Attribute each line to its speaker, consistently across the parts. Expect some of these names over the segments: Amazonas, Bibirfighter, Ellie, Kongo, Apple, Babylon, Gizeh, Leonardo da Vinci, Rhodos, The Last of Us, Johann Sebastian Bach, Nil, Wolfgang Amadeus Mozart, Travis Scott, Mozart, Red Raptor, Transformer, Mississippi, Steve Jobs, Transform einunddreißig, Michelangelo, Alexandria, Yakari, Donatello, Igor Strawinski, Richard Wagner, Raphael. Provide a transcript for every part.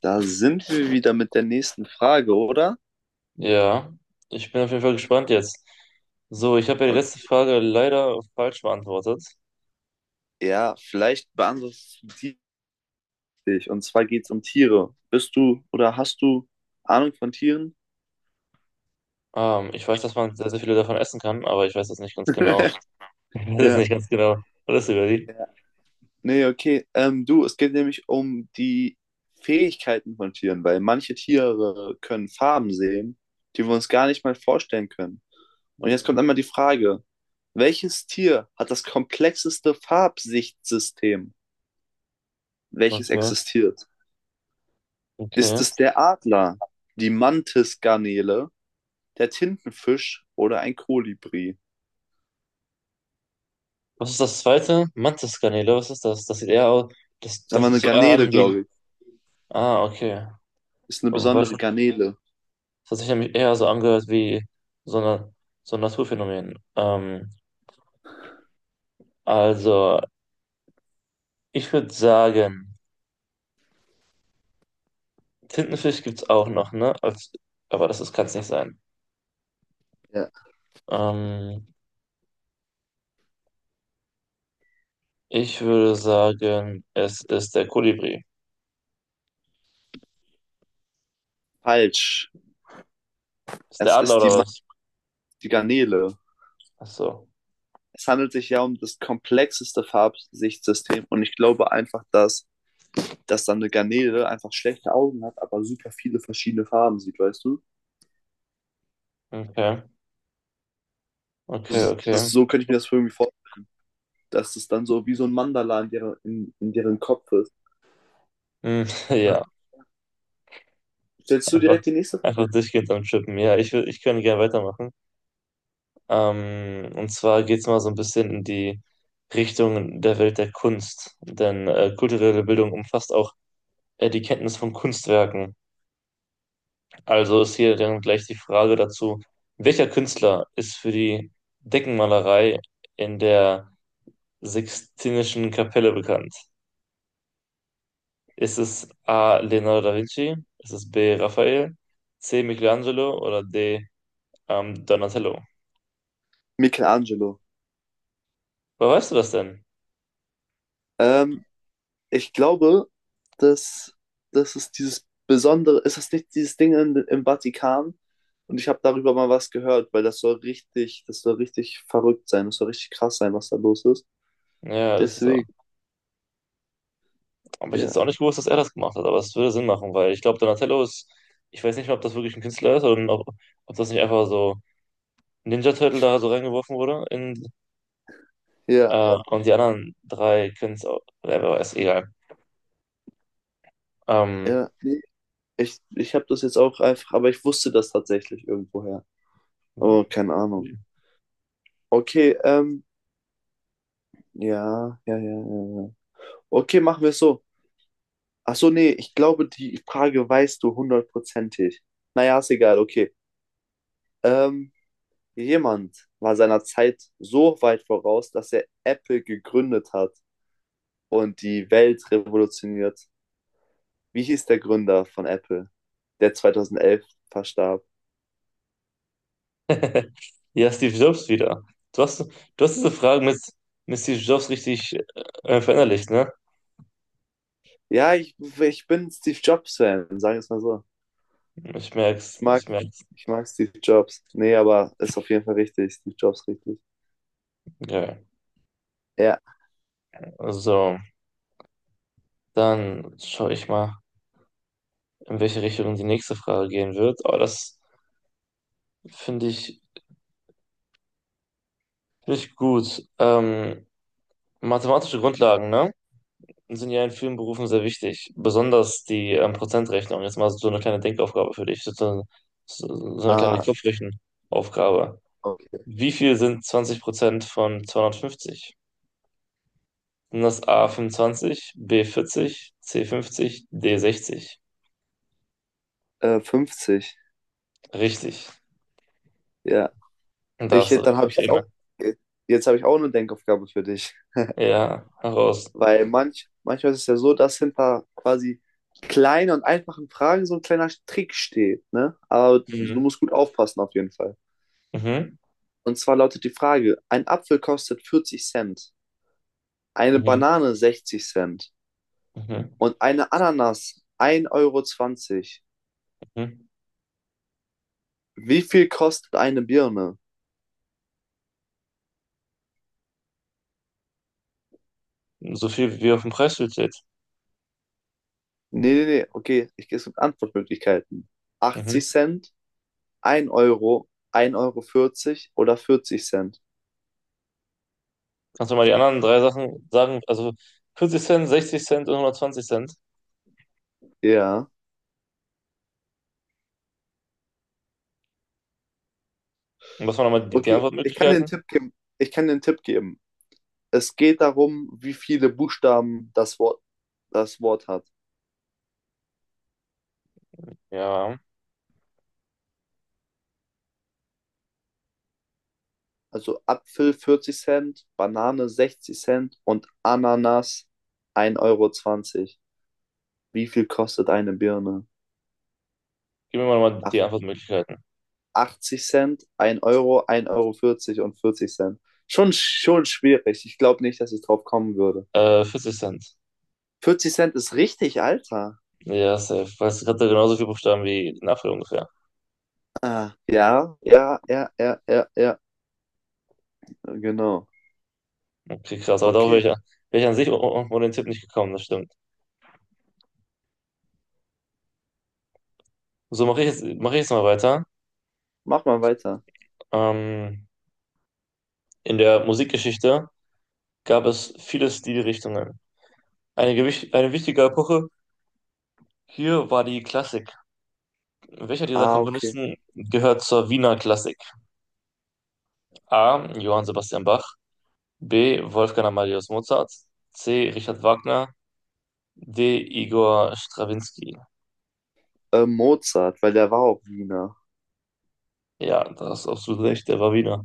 Speaker 1: Da sind wir wieder mit der nächsten Frage, oder?
Speaker 2: Ja, ich bin auf jeden Fall gespannt jetzt. So, ich habe ja die letzte
Speaker 1: Okay.
Speaker 2: Frage leider falsch beantwortet.
Speaker 1: Ja, vielleicht beantwortest du die dich. Und zwar geht es um Tiere. Bist du oder hast du Ahnung von Tieren?
Speaker 2: Ich weiß, dass man sehr, sehr viele davon essen kann, aber ich weiß das nicht ganz genau. Ich weiß das
Speaker 1: Ja.
Speaker 2: nicht ganz genau. Alles über die.
Speaker 1: Ja. Nee, okay. Du, es geht nämlich um die Fähigkeiten von Tieren, weil manche Tiere können Farben sehen, die wir uns gar nicht mal vorstellen können. Und jetzt kommt einmal die Frage, welches Tier hat das komplexeste Farbsichtsystem, welches
Speaker 2: Okay,
Speaker 1: existiert? Ist
Speaker 2: okay.
Speaker 1: es der Adler, die Mantisgarnele, der Tintenfisch oder ein Kolibri?
Speaker 2: Was ist das zweite? Mantiskanäle, was ist das? Das sieht eher aus, das,
Speaker 1: Sagen
Speaker 2: das
Speaker 1: wir eine
Speaker 2: sieht eher
Speaker 1: Garnele,
Speaker 2: an wie,
Speaker 1: glaube ich.
Speaker 2: ah, okay.
Speaker 1: Ist eine
Speaker 2: Aber
Speaker 1: besondere
Speaker 2: wahrscheinlich,
Speaker 1: Garnele.
Speaker 2: das hat sich nämlich eher so angehört wie so eine, so ein Naturphänomen. Also, ich würde sagen, Tintenfisch gibt's auch noch, ne? Als, aber das ist, kann's nicht sein.
Speaker 1: Ja.
Speaker 2: Ähm, Ich würde sagen, es ist der Kolibri.
Speaker 1: Falsch.
Speaker 2: Ist der
Speaker 1: Es
Speaker 2: Adler
Speaker 1: ist die,
Speaker 2: oder
Speaker 1: Man-
Speaker 2: was?
Speaker 1: die Garnele.
Speaker 2: Ach so.
Speaker 1: Es handelt sich ja um das komplexeste Farbsichtsystem und ich glaube einfach, dass dann eine Garnele einfach schlechte Augen hat, aber super viele verschiedene Farben sieht, weißt du?
Speaker 2: Okay, okay,
Speaker 1: Das,
Speaker 2: okay.
Speaker 1: das, so könnte ich mir das irgendwie vorstellen, dass es dann so wie so ein Mandala in deren Kopf ist.
Speaker 2: Hm, ja,
Speaker 1: Stellst du
Speaker 2: einfach,
Speaker 1: direkt die nächste Frage?
Speaker 2: einfach durchgehend am Chippen. Ja, ich könnte gerne weitermachen. Und zwar geht's mal so ein bisschen in die Richtung der Welt der Kunst. Denn kulturelle Bildung umfasst auch die Kenntnis von Kunstwerken. Also ist hier dann gleich die Frage dazu, welcher Künstler ist für die Deckenmalerei in der Sixtinischen Kapelle bekannt? Ist es A. Leonardo da Vinci? Ist es B. Raphael? C. Michelangelo oder D. Donatello?
Speaker 1: Michelangelo.
Speaker 2: Woher weißt du das denn?
Speaker 1: Ähm, ich glaube, dass, dass es dieses Besondere ist, das nicht dieses Ding im Vatikan? Und ich habe darüber mal was gehört, weil das soll richtig verrückt sein, das soll richtig krass sein, was da los ist.
Speaker 2: Ja, ist es auch.
Speaker 1: Deswegen,
Speaker 2: Aber ich hätte jetzt
Speaker 1: ja,
Speaker 2: auch nicht gewusst, dass er das gemacht hat, aber es würde Sinn machen, weil ich glaube, Donatello ist, ich weiß nicht mal, ob das wirklich ein Künstler ist oder ob, ob das nicht einfach so Ninja Turtle da so reingeworfen wurde in
Speaker 1: ja,
Speaker 2: Und die anderen drei können es auch, ja, wer weiß, egal. Ähm,
Speaker 1: ja. Nee, ich habe das jetzt auch einfach, aber ich wusste das tatsächlich irgendwoher. Oh, keine Ahnung. Okay, ja, ja, ja, ja, ja. Okay, machen wir es so. Ach so, nee, ich glaube, die Frage weißt du hundertprozentig. Naja, ist egal, okay. Ähm, Jemand war seiner Zeit so weit voraus, dass er Apple gegründet hat und die Welt revolutioniert. Wie hieß der Gründer von Apple, der 2011 verstarb?
Speaker 2: ja, Steve Jobs wieder. Du hast, du hast diese Fragen mit Steve Jobs richtig verinnerlicht, ne?
Speaker 1: Ja, ich bin Steve Jobs-Fan, sagen wir es mal so.
Speaker 2: Ich
Speaker 1: Ich
Speaker 2: merk's,
Speaker 1: mag,
Speaker 2: ich merk's.
Speaker 1: ich mag Steve Jobs. Nee, aber ist auf jeden Fall richtig. Steve Jobs richtig.
Speaker 2: Okay.
Speaker 1: Ja,
Speaker 2: Also, dann schaue ich mal, in welche Richtung die nächste Frage gehen wird. Aber das finde ich, finde ich gut. Mathematische Grundlagen, ne? Sind ja in vielen Berufen sehr wichtig, besonders die Prozentrechnung. Jetzt mal so eine kleine Denkaufgabe für dich, so eine kleine
Speaker 1: ah,
Speaker 2: Kopfrechenaufgabe.
Speaker 1: okay.
Speaker 2: Wie viel sind 20% von 250? Sind das A 25, B 40, C 50, D 60?
Speaker 1: 50.
Speaker 2: Richtig.
Speaker 1: Ja.
Speaker 2: Und da
Speaker 1: Ich,
Speaker 2: hast du
Speaker 1: dann
Speaker 2: recht.
Speaker 1: habe ich jetzt
Speaker 2: Probleme.
Speaker 1: auch, jetzt habe ich auch eine Denkaufgabe für dich.
Speaker 2: Ja, heraus.
Speaker 1: Weil manchmal ist es ja so, dass hinter quasi kleinen und einfachen Fragen so ein kleiner Trick steht, ne? Aber du
Speaker 2: Mhm.
Speaker 1: musst gut aufpassen auf jeden Fall.
Speaker 2: Mhm.
Speaker 1: Und zwar lautet die Frage, ein Apfel kostet 40 Cent, eine
Speaker 2: Mhm.
Speaker 1: Banane 60 Cent
Speaker 2: Mhm.
Speaker 1: und eine Ananas 1,20 Euro zwanzig.
Speaker 2: Mhm.
Speaker 1: Wie viel kostet eine Birne?
Speaker 2: So viel wie auf dem Preisschild steht.
Speaker 1: Nee, nee, nee, okay, ich gehe es mit Antwortmöglichkeiten.
Speaker 2: Mhm.
Speaker 1: 80 Cent, 1 Euro, 1,40 Euro vierzig oder 40 Cent.
Speaker 2: Kannst du mal die anderen drei Sachen sagen? Also 40 Cent, 60 Cent und 120 Cent.
Speaker 1: Ja.
Speaker 2: Und was waren nochmal die
Speaker 1: Okay, ich kann dir einen
Speaker 2: Antwortmöglichkeiten?
Speaker 1: Tipp geben. Ich kann dir einen Tipp geben. Es geht darum, wie viele Buchstaben das Wort hat.
Speaker 2: Ja,
Speaker 1: Also Apfel 40 Cent, Banane 60 Cent und Ananas 1,20 Euro. Wie viel kostet eine Birne?
Speaker 2: gib mir mal nochmal die
Speaker 1: Ach,
Speaker 2: Antwortmöglichkeiten.
Speaker 1: 80 Cent, 1 Euro, 1,40 Euro und 40 Cent. Schon schwierig. Ich glaube nicht, dass ich drauf kommen würde.
Speaker 2: 40 Cent.
Speaker 1: 40 Cent ist richtig, Alter.
Speaker 2: Ja, safe. Weißt du, hatte genauso viele Buchstaben wie ein Apfel ungefähr.
Speaker 1: Ah, ja, ja, ja, ja, ja, ja, genau.
Speaker 2: Okay, krass. Aber darauf wäre
Speaker 1: Okay.
Speaker 2: ich, wär ich an sich ohne ohne den Tipp nicht gekommen, das stimmt. So, mach ich jetzt mal weiter.
Speaker 1: Mach mal weiter.
Speaker 2: Ähm, in der Musikgeschichte gab es viele Stilrichtungen. Eine wichtige Epoche hier war die Klassik. Welcher dieser
Speaker 1: Ah, okay.
Speaker 2: Komponisten gehört zur Wiener Klassik? A. Johann Sebastian Bach. B. Wolfgang Amadeus Mozart. C. Richard Wagner. D. Igor Strawinski.
Speaker 1: Mozart, weil der war auch Wiener.
Speaker 2: Ja, da hast du absolut recht, der war Wiener.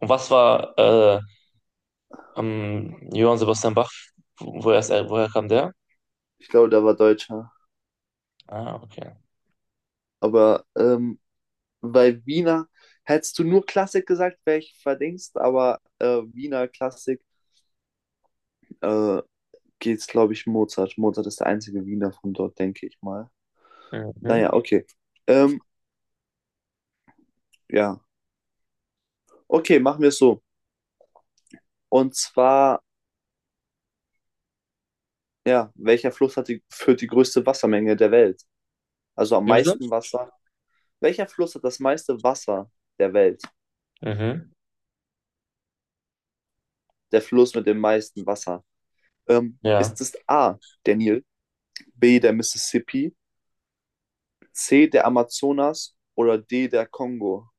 Speaker 2: Und was war am Johann Sebastian Bach? Woher kam der?
Speaker 1: Ich glaube, der war Deutscher.
Speaker 2: Ah, okay.
Speaker 1: Aber bei Wiener hättest du nur Klassik gesagt, wäre ich verdingst, aber Wiener Klassik äh, geht's, glaube ich, Mozart. Mozart ist der einzige Wiener von dort, denke ich mal.
Speaker 2: Mhm.
Speaker 1: Naja, okay. Ähm, ja. Okay, machen wir es so. Und zwar, ja, welcher Fluss führt die größte Wassermenge der Welt? Also am
Speaker 2: Wie bitte?
Speaker 1: meisten Wasser. Welcher Fluss hat das meiste Wasser der Welt?
Speaker 2: Mhm.
Speaker 1: Der Fluss mit dem meisten Wasser? Ähm,
Speaker 2: Ja.
Speaker 1: ist es A, der Nil, B, der Mississippi, C, der Amazonas oder D, der Kongo?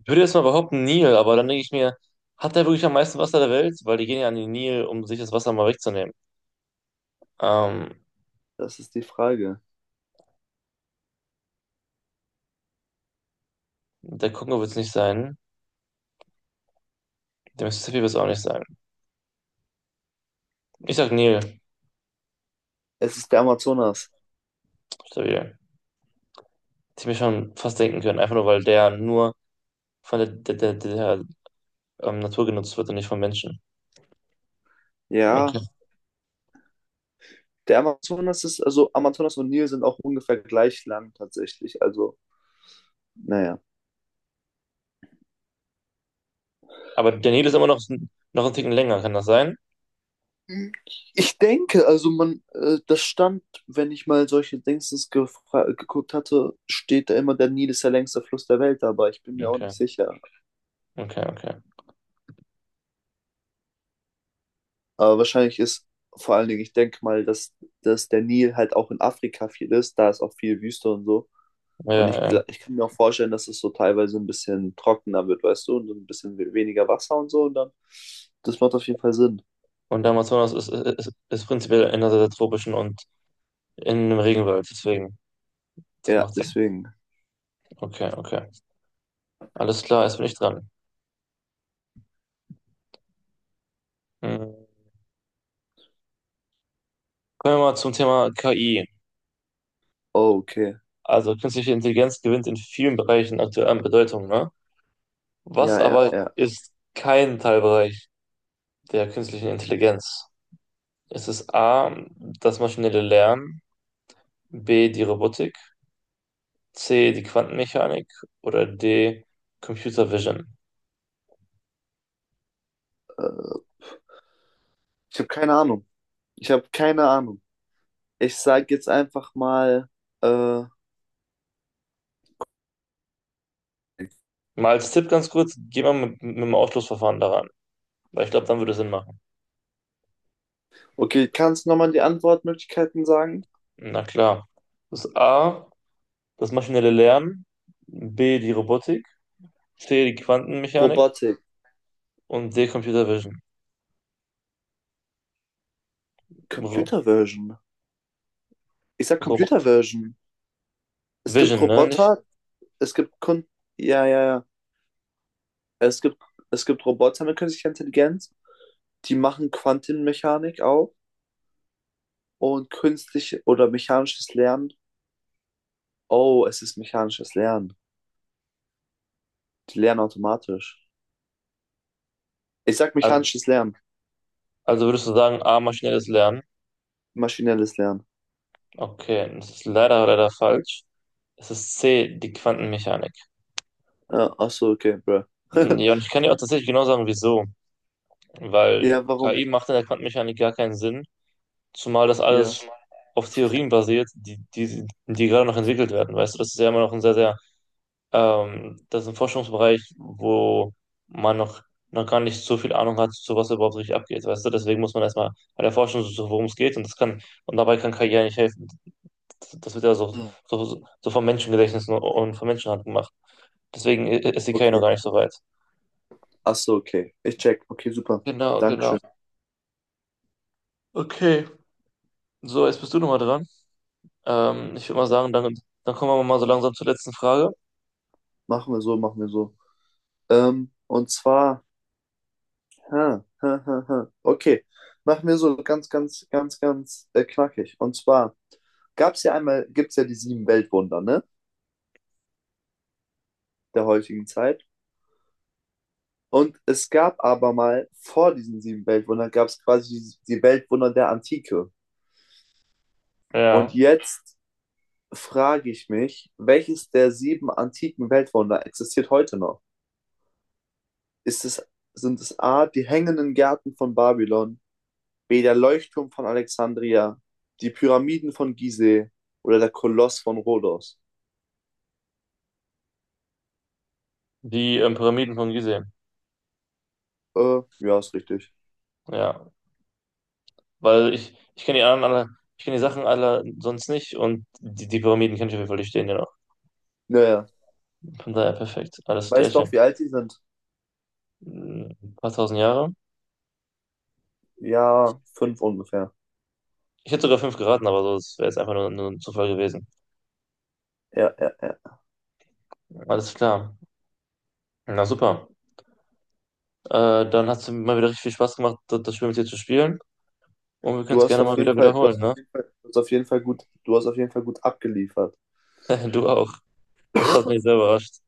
Speaker 2: Ich würde jetzt mal behaupten, Nil, aber dann denke ich mir, hat der wirklich am meisten Wasser der Welt? Weil die gehen ja an den Nil, um sich das Wasser mal wegzunehmen. Ähm,
Speaker 1: Das ist die Frage.
Speaker 2: Der Kongo wird es nicht sein. Der Mississippi wird es auch nicht sein. Ich sag Nil.
Speaker 1: Es ist der Amazonas.
Speaker 2: Stabil. Das hätte ich mir schon fast denken können, einfach nur, weil der nur von der Natur genutzt wird und nicht von Menschen.
Speaker 1: Ja,
Speaker 2: Okay.
Speaker 1: der Amazonas ist, also Amazonas und Nil sind auch ungefähr gleich lang tatsächlich. Also, naja.
Speaker 2: Aber der Nil ist immer noch, noch einen Ticken länger, kann das sein?
Speaker 1: Ich denke, also man, das stand, wenn ich mal solche Dingsens geguckt hatte, steht da immer, der Nil ist der längste Fluss der Welt, aber ich bin mir auch
Speaker 2: Okay,
Speaker 1: nicht sicher.
Speaker 2: okay, okay.
Speaker 1: Aber wahrscheinlich ist vor allen Dingen, ich denke mal, dass der Nil halt auch in Afrika viel ist. Da ist auch viel Wüste und so.
Speaker 2: Ja,
Speaker 1: Und ich,
Speaker 2: ja.
Speaker 1: gl- ich kann mir auch vorstellen, dass es so teilweise ein bisschen trockener wird, weißt du, und so ein bisschen weniger Wasser und so. Und dann, das macht auf jeden Fall Sinn.
Speaker 2: Und der Amazonas ist prinzipiell in der tropischen und in einem Regenwald, deswegen, das
Speaker 1: Ja,
Speaker 2: macht Sinn.
Speaker 1: deswegen.
Speaker 2: Okay, okay. Alles klar, jetzt bin ich dran. Hm. Kommen wir mal zum Thema KI.
Speaker 1: Oh, okay.
Speaker 2: Also künstliche Intelligenz gewinnt in vielen Bereichen aktuell an Bedeutung, ne? Was
Speaker 1: Ja, ja,
Speaker 2: aber
Speaker 1: ja.
Speaker 2: ist kein Teilbereich der künstlichen Intelligenz? Es ist A, das maschinelle Lernen, B, die Robotik, C, die Quantenmechanik oder D, Computer Vision.
Speaker 1: Äh, ich habe keine Ahnung. Ich habe keine Ahnung. Ich sage jetzt einfach mal, äh,
Speaker 2: Mal als Tipp ganz kurz, geh mal mit dem Ausschlussverfahren daran, weil ich glaube, dann würde es Sinn machen.
Speaker 1: okay, kannst du nochmal die Antwortmöglichkeiten sagen?
Speaker 2: Na klar. Das ist A, das maschinelle Lernen, B, die Robotik, C, die Quantenmechanik
Speaker 1: Robotik,
Speaker 2: und D, Computer Vision. Ro
Speaker 1: Computer Version. Ich sag
Speaker 2: Robot.
Speaker 1: Computer Version. Es gibt
Speaker 2: Vision, ne? Nicht?
Speaker 1: Roboter, es gibt Kun ja, ja, ja. Es gibt, es gibt Roboter mit künstlicher Intelligenz, die machen Quantenmechanik auch und künstlich oder mechanisches Lernen. Oh, es ist mechanisches Lernen. Die lernen automatisch. Ich sag
Speaker 2: Also,
Speaker 1: mechanisches Lernen,
Speaker 2: also würdest du sagen, A, maschinelles Lernen?
Speaker 1: maschinelles Lernen.
Speaker 2: Okay, das ist leider, leider falsch. Es ist C, die Quantenmechanik.
Speaker 1: Ja, ach so, okay, bro.
Speaker 2: Ja, und ich kann dir auch tatsächlich genau sagen, wieso. Weil
Speaker 1: Ja, warum?
Speaker 2: KI macht in der Quantenmechanik gar keinen Sinn, zumal das
Speaker 1: Ja.
Speaker 2: alles auf Theorien basiert, die gerade noch entwickelt werden. Weißt du, das ist ja immer noch ein sehr, sehr, das ist ein Forschungsbereich, wo man noch, noch gar nicht so viel Ahnung hat, zu was überhaupt richtig abgeht. Weißt du, deswegen muss man erstmal bei der Forschung worum es geht und das kann, und dabei kann KI ja nicht helfen. Das wird ja so vom Menschengedächtnis und von Menschenhand gemacht. Deswegen ist die KI noch
Speaker 1: Okay.
Speaker 2: gar nicht so weit.
Speaker 1: Ach so, okay. Ich check. Okay, super.
Speaker 2: Genau, genau.
Speaker 1: Dankeschön.
Speaker 2: Okay. So, jetzt bist du nochmal dran. Ich würde mal sagen, dann, dann kommen wir mal so langsam zur letzten Frage.
Speaker 1: Machen wir so, machen wir so. Und zwar Ha, ha, ha, ha. Okay, machen wir so ganz, ganz, ganz, ganz knackig. Und zwar gab es ja einmal, gibt es ja die sieben Weltwunder, ne, der heutigen Zeit. Und es gab aber mal vor diesen sieben Weltwundern, gab es quasi die Weltwunder der Antike. Und
Speaker 2: Ja.
Speaker 1: jetzt frage ich mich, welches der sieben antiken Weltwunder existiert heute noch? Ist es, sind es A, die hängenden Gärten von Babylon? Wie der Leuchtturm von Alexandria, die Pyramiden von Gizeh oder der Koloss von Rhodos.
Speaker 2: Die Pyramiden von Gizeh.
Speaker 1: Ja, ist richtig.
Speaker 2: Ja, weil ich kenne die anderen alle, ich kenne die Sachen alle sonst nicht und die, die Pyramiden kann ich auf jeden Fall durchstehen, genau.
Speaker 1: Naja,
Speaker 2: Von daher perfekt. Alles
Speaker 1: weißt doch,
Speaker 2: gleiche.
Speaker 1: wie alt die sind?
Speaker 2: Ein paar tausend Jahre.
Speaker 1: Ja, fünf ungefähr.
Speaker 2: Ich hätte sogar fünf geraten, aber so, das wäre jetzt einfach nur, nur ein Zufall gewesen.
Speaker 1: Ja, ja, ja.
Speaker 2: Alles klar. Na super. Dann hat es mal wieder richtig viel Spaß gemacht, das das Spiel mit dir zu spielen. Und wir können es gerne mal wieder wiederholen, ne?
Speaker 1: Du hast auf jeden Fall gut abgeliefert.
Speaker 2: Du auch. Das hat mich sehr überrascht.